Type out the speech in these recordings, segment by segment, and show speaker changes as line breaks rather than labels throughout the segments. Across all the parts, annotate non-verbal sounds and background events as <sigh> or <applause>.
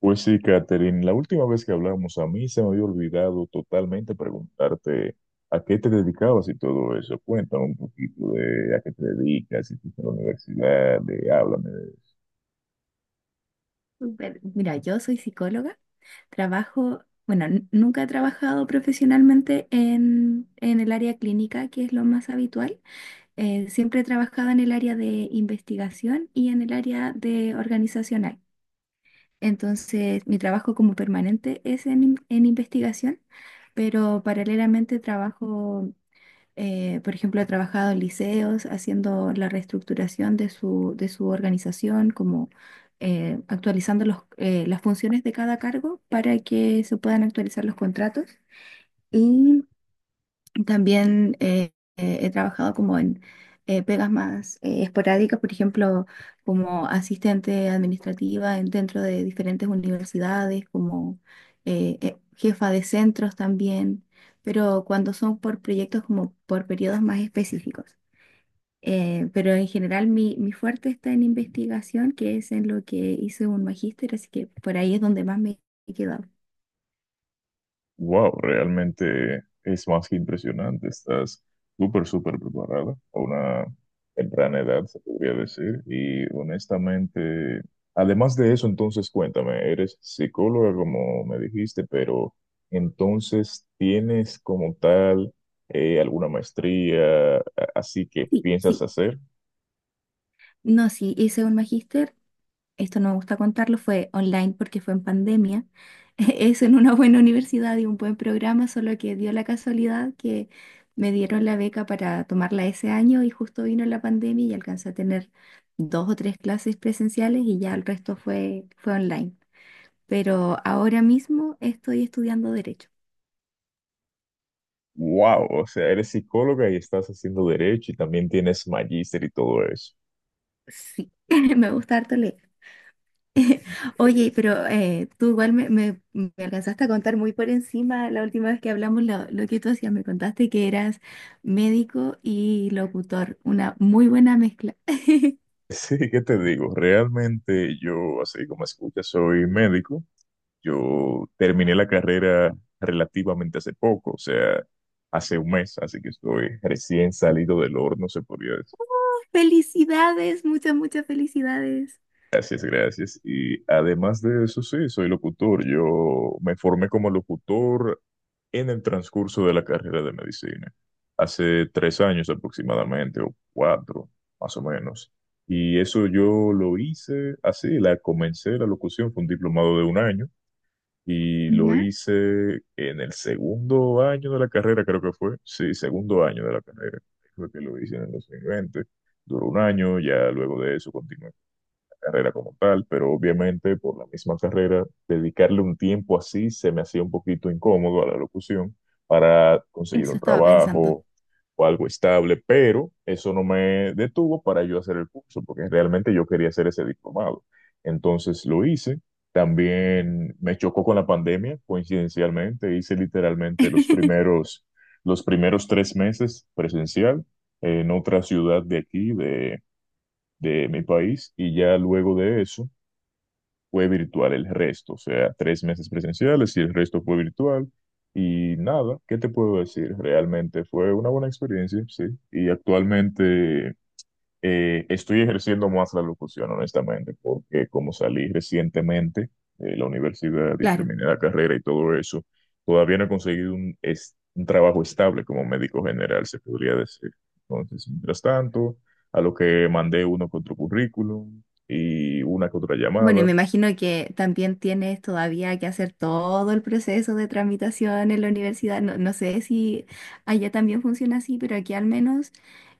Pues sí, Catherine, la última vez que hablamos a mí se me había olvidado totalmente preguntarte a qué te dedicabas y todo eso. Cuéntame un poquito de a qué te dedicas, si estás en la universidad, háblame.
Súper. Mira, yo soy psicóloga, trabajo, bueno, nunca he trabajado profesionalmente en el área clínica, que es lo más habitual. Siempre he trabajado en el área de investigación y en el área de organizacional. Entonces, mi trabajo como permanente es en investigación, pero paralelamente trabajo por ejemplo, he trabajado en liceos haciendo la reestructuración de su organización, como actualizando las funciones de cada cargo para que se puedan actualizar los contratos. Y también he trabajado como en pegas más esporádicas, por ejemplo, como asistente administrativa dentro de diferentes universidades, como jefa de centros también, pero cuando son por proyectos como por periodos más específicos. Pero en general mi fuerte está en investigación, que es en lo que hice un magíster, así que por ahí es donde más me he quedado.
Wow, realmente es más que impresionante. Estás súper, súper preparada a una temprana edad, se podría decir. Y honestamente, además de eso, entonces cuéntame, eres psicóloga, como me dijiste, pero entonces tienes como tal alguna maestría, así que
Sí,
piensas
sí.
hacer.
No, sí, hice un magíster. Esto no me gusta contarlo, fue online porque fue en pandemia. <laughs> Es en una buena universidad y un buen programa, solo que dio la casualidad que me dieron la beca para tomarla ese año y justo vino la pandemia y alcancé a tener dos o tres clases presenciales y ya el resto fue online. Pero ahora mismo estoy estudiando derecho.
Wow, o sea, eres psicóloga y estás haciendo derecho y también tienes magíster y todo eso.
Sí, <laughs> me gusta harto leer. Oye, pero tú igual me alcanzaste a contar muy por encima la última vez que hablamos lo que tú hacías. Me contaste que eras médico y locutor, una muy buena mezcla.
<laughs> Sí, ¿qué te digo? Realmente yo, así como escuchas, soy médico. Yo terminé la carrera relativamente hace poco, o sea, hace un mes, así que estoy recién salido del horno, se podría decir.
<laughs> Felicidades, muchas, muchas felicidades.
Gracias, gracias. Y además de eso, sí, soy locutor. Yo me formé como locutor en el transcurso de la carrera de medicina, hace 3 años aproximadamente, o cuatro, más o menos. Y eso yo lo hice así, la comencé la locución, fue un diplomado de un año, y lo
¿Ya?
hice en el segundo año de la carrera, creo que fue. Sí, segundo año de la carrera, fue que lo hice en el 2020. Duró un año, ya luego de eso continué carrera como tal, pero obviamente por la misma carrera, dedicarle un tiempo así se me hacía un poquito incómodo a la locución para conseguir un
Eso estaba pensando.
trabajo o algo estable, pero eso no me detuvo para yo hacer el curso, porque realmente yo quería hacer ese diplomado. Entonces lo hice. También me chocó con la pandemia, coincidencialmente, hice literalmente
<laughs>
los primeros 3 meses presencial en otra ciudad de aquí, de mi país, y ya luego de eso fue virtual el resto, o sea, tres meses presenciales y el resto fue virtual. Y nada, ¿qué te puedo decir? Realmente fue una buena experiencia, sí. Y actualmente estoy ejerciendo más la locución, honestamente, porque como salí recientemente de la universidad y
Claro.
terminé la carrera y todo eso, todavía no he conseguido un trabajo estable como médico general, se podría decir. Entonces, mientras tanto, a lo que mandé uno con otro currículum y una con otra
Bueno, y
llamada,
me imagino que también tienes todavía que hacer todo el proceso de tramitación en la universidad. No, no sé si allá también funciona así, pero aquí al menos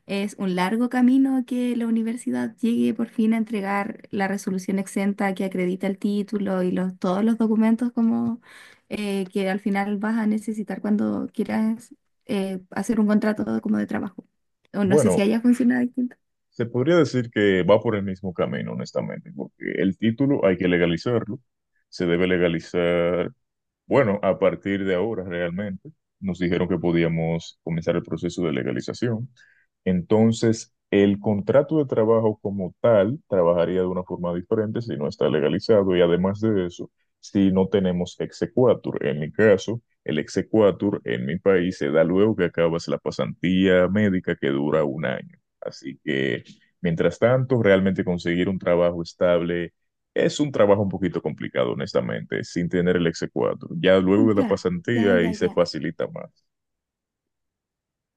es un largo camino a que la universidad llegue por fin a entregar la resolución exenta que acredita el título y todos los documentos como que al final vas a necesitar cuando quieras hacer un contrato como de trabajo. O no sé si
bueno,
haya funcionado distinto.
se podría decir que va por el mismo camino, honestamente, porque el título hay que legalizarlo, se debe legalizar Bueno, a partir de ahora realmente nos dijeron que podíamos comenzar el proceso de legalización. Entonces, el contrato de trabajo como tal trabajaría de una forma diferente si no está legalizado, y además de eso, si no tenemos exequatur. En mi caso, el exequatur en mi país se da luego que acabas la pasantía médica, que dura un año. Así que, mientras tanto, realmente conseguir un trabajo estable es un trabajo un poquito complicado, honestamente, sin tener el exequatur. Ya luego de la
Ya, ya,
pasantía
ya,
ahí se
ya.
facilita más.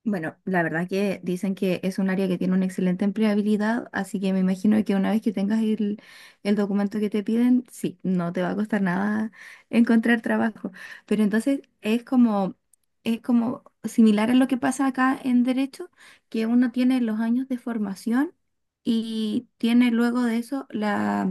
Bueno, la verdad que dicen que es un área que tiene una excelente empleabilidad, así que me imagino que una vez que tengas el documento que te piden, sí, no te va a costar nada <laughs> encontrar trabajo. Pero entonces es como, similar a lo que pasa acá en Derecho, que uno tiene los años de formación y tiene luego de eso la,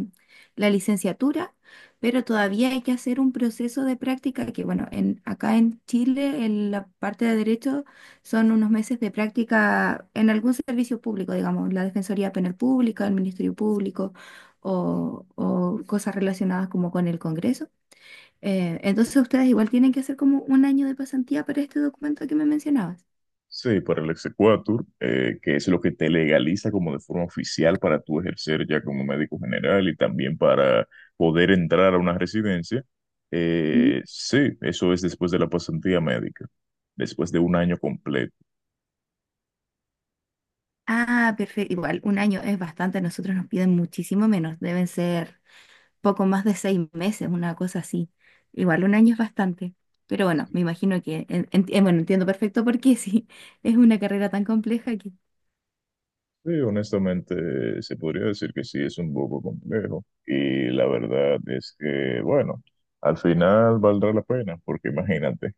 la licenciatura, pero todavía hay que hacer un proceso de práctica que, bueno, acá en Chile, en la parte de Derecho son unos meses de práctica en algún servicio público, digamos, la Defensoría Penal Pública, el Ministerio Público o cosas relacionadas como con el Congreso. Entonces ustedes igual tienen que hacer como un año de pasantía para este documento que me mencionabas.
Sí, para el exequatur, que es lo que te legaliza como de forma oficial para tú ejercer ya como médico general y también para poder entrar a una residencia.
Ujú.
Sí, eso es después de la pasantía médica, después de un año completo.
Ah, perfecto. Igual, un año es bastante. A nosotros nos piden muchísimo menos. Deben ser poco más de 6 meses, una cosa así. Igual, un año es bastante. Pero bueno, me imagino que, bueno, entiendo perfecto por qué, <laughs> sí, es una carrera tan compleja.
Sí, honestamente se podría decir que sí es un poco complejo, y la verdad es que, bueno, al final valdrá la pena, porque imagínate.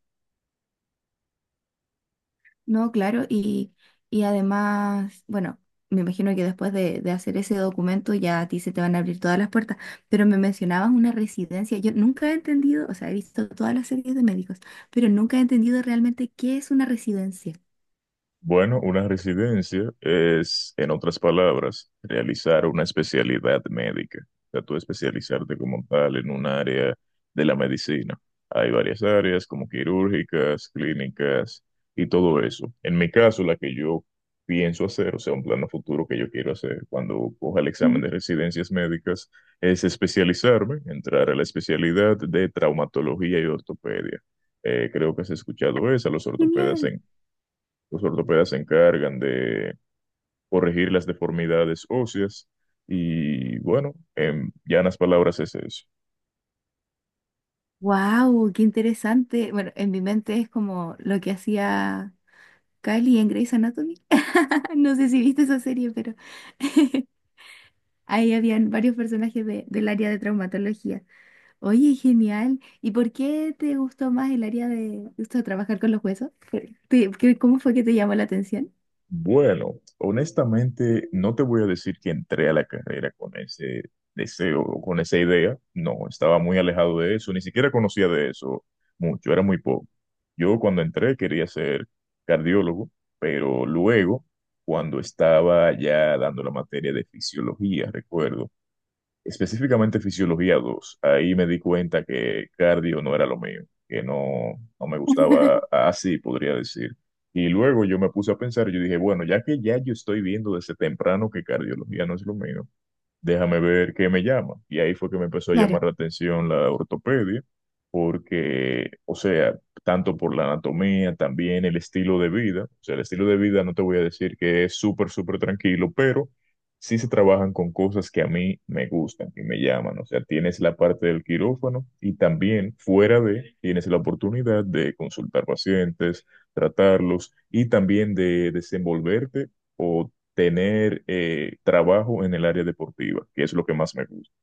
No, claro, y además, bueno, me imagino que después de hacer ese documento ya a ti se te van a abrir todas las puertas, pero me mencionabas una residencia, yo nunca he entendido, o sea, he visto todas las series de médicos, pero nunca he entendido realmente qué es una residencia.
Bueno, una residencia es, en otras palabras, realizar una especialidad médica. O sea, tú especializarte como tal en un área de la medicina. Hay varias áreas como quirúrgicas, clínicas y todo eso. En mi caso, la que yo pienso hacer, o sea, un plano futuro que yo quiero hacer cuando coja el examen
Mm.
de residencias médicas, es especializarme, entrar a la especialidad de traumatología y ortopedia. Creo que has escuchado esa,
Genial.
los ortopedas se encargan de corregir las deformidades óseas, y bueno, en llanas palabras es eso.
Wow, qué interesante. Bueno, en mi mente es como lo que hacía Kylie en Grey's Anatomy. <laughs> No sé si viste esa serie, pero <laughs> ahí habían varios personajes del área de traumatología. Oye, genial. ¿Y por qué te gustó más el área de esto de trabajar con los huesos? ¿Cómo fue que te llamó la atención?
Bueno, honestamente no te voy a decir que entré a la carrera con ese deseo, o con esa idea. No, estaba muy alejado de eso, ni siquiera conocía de eso mucho, era muy poco. Yo cuando entré quería ser cardiólogo, pero luego, cuando estaba ya dando la materia de fisiología, recuerdo, específicamente Fisiología 2 Ahí Me di cuenta que cardio no era lo mío, que no, no me gustaba así, podría decir. Y luego yo me puse a pensar, yo dije, bueno, ya que ya yo estoy viendo desde temprano que cardiología no es lo mío, déjame ver qué me llama. Y ahí fue que me empezó a
Claro.
llamar la atención la ortopedia, porque, o sea, tanto por la anatomía, también el estilo de vida, o sea, el estilo de vida no te voy a decir que es súper, súper tranquilo, pero sí se trabajan con cosas que a mí me gustan y me llaman, o sea, tienes la parte del quirófano y también fuera de, tienes la oportunidad de consultar pacientes, tratarlos y también de desenvolverte, o tener trabajo en el área deportiva, que es lo que más me gusta.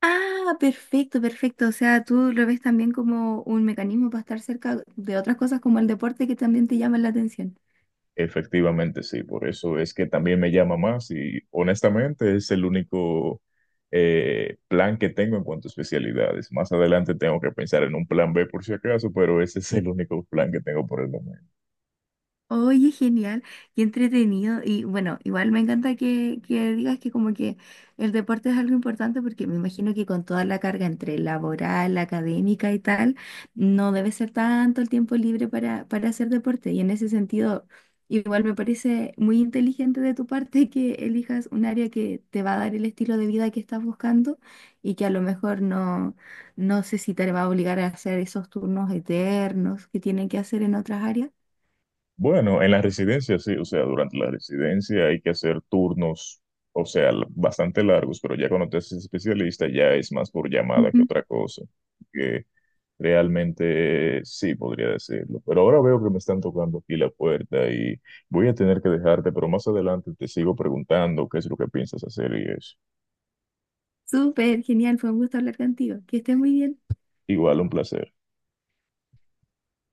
Ah, perfecto, perfecto. O sea, tú lo ves también como un mecanismo para estar cerca de otras cosas como el deporte que también te llaman la atención.
Efectivamente, sí, por eso es que también me llama más, y honestamente es el único plan que tengo en cuanto a especialidades. Más adelante tengo que pensar en un plan B por si acaso, pero ese es el único plan que tengo por el momento.
Oye, genial, y entretenido. Y bueno, igual me encanta que, digas que como que el deporte es algo importante porque me imagino que con toda la carga entre laboral, académica y tal, no debe ser tanto el tiempo libre para hacer deporte. Y en ese sentido, igual me parece muy inteligente de tu parte que elijas un área que te va a dar el estilo de vida que estás buscando y que a lo mejor no, no sé si te va a obligar a hacer esos turnos eternos que tienen que hacer en otras áreas.
Bueno, en la residencia sí, o sea, durante la residencia hay que hacer turnos, o sea, bastante largos, pero ya cuando te haces especialista ya es más por llamada que otra cosa. Realmente sí, podría decirlo. Pero ahora veo que me están tocando aquí la puerta y voy a tener que dejarte, pero más adelante te sigo preguntando qué es lo que piensas hacer, y es
Súper, genial, fue un gusto hablar contigo. Que estés muy bien.
igual un placer.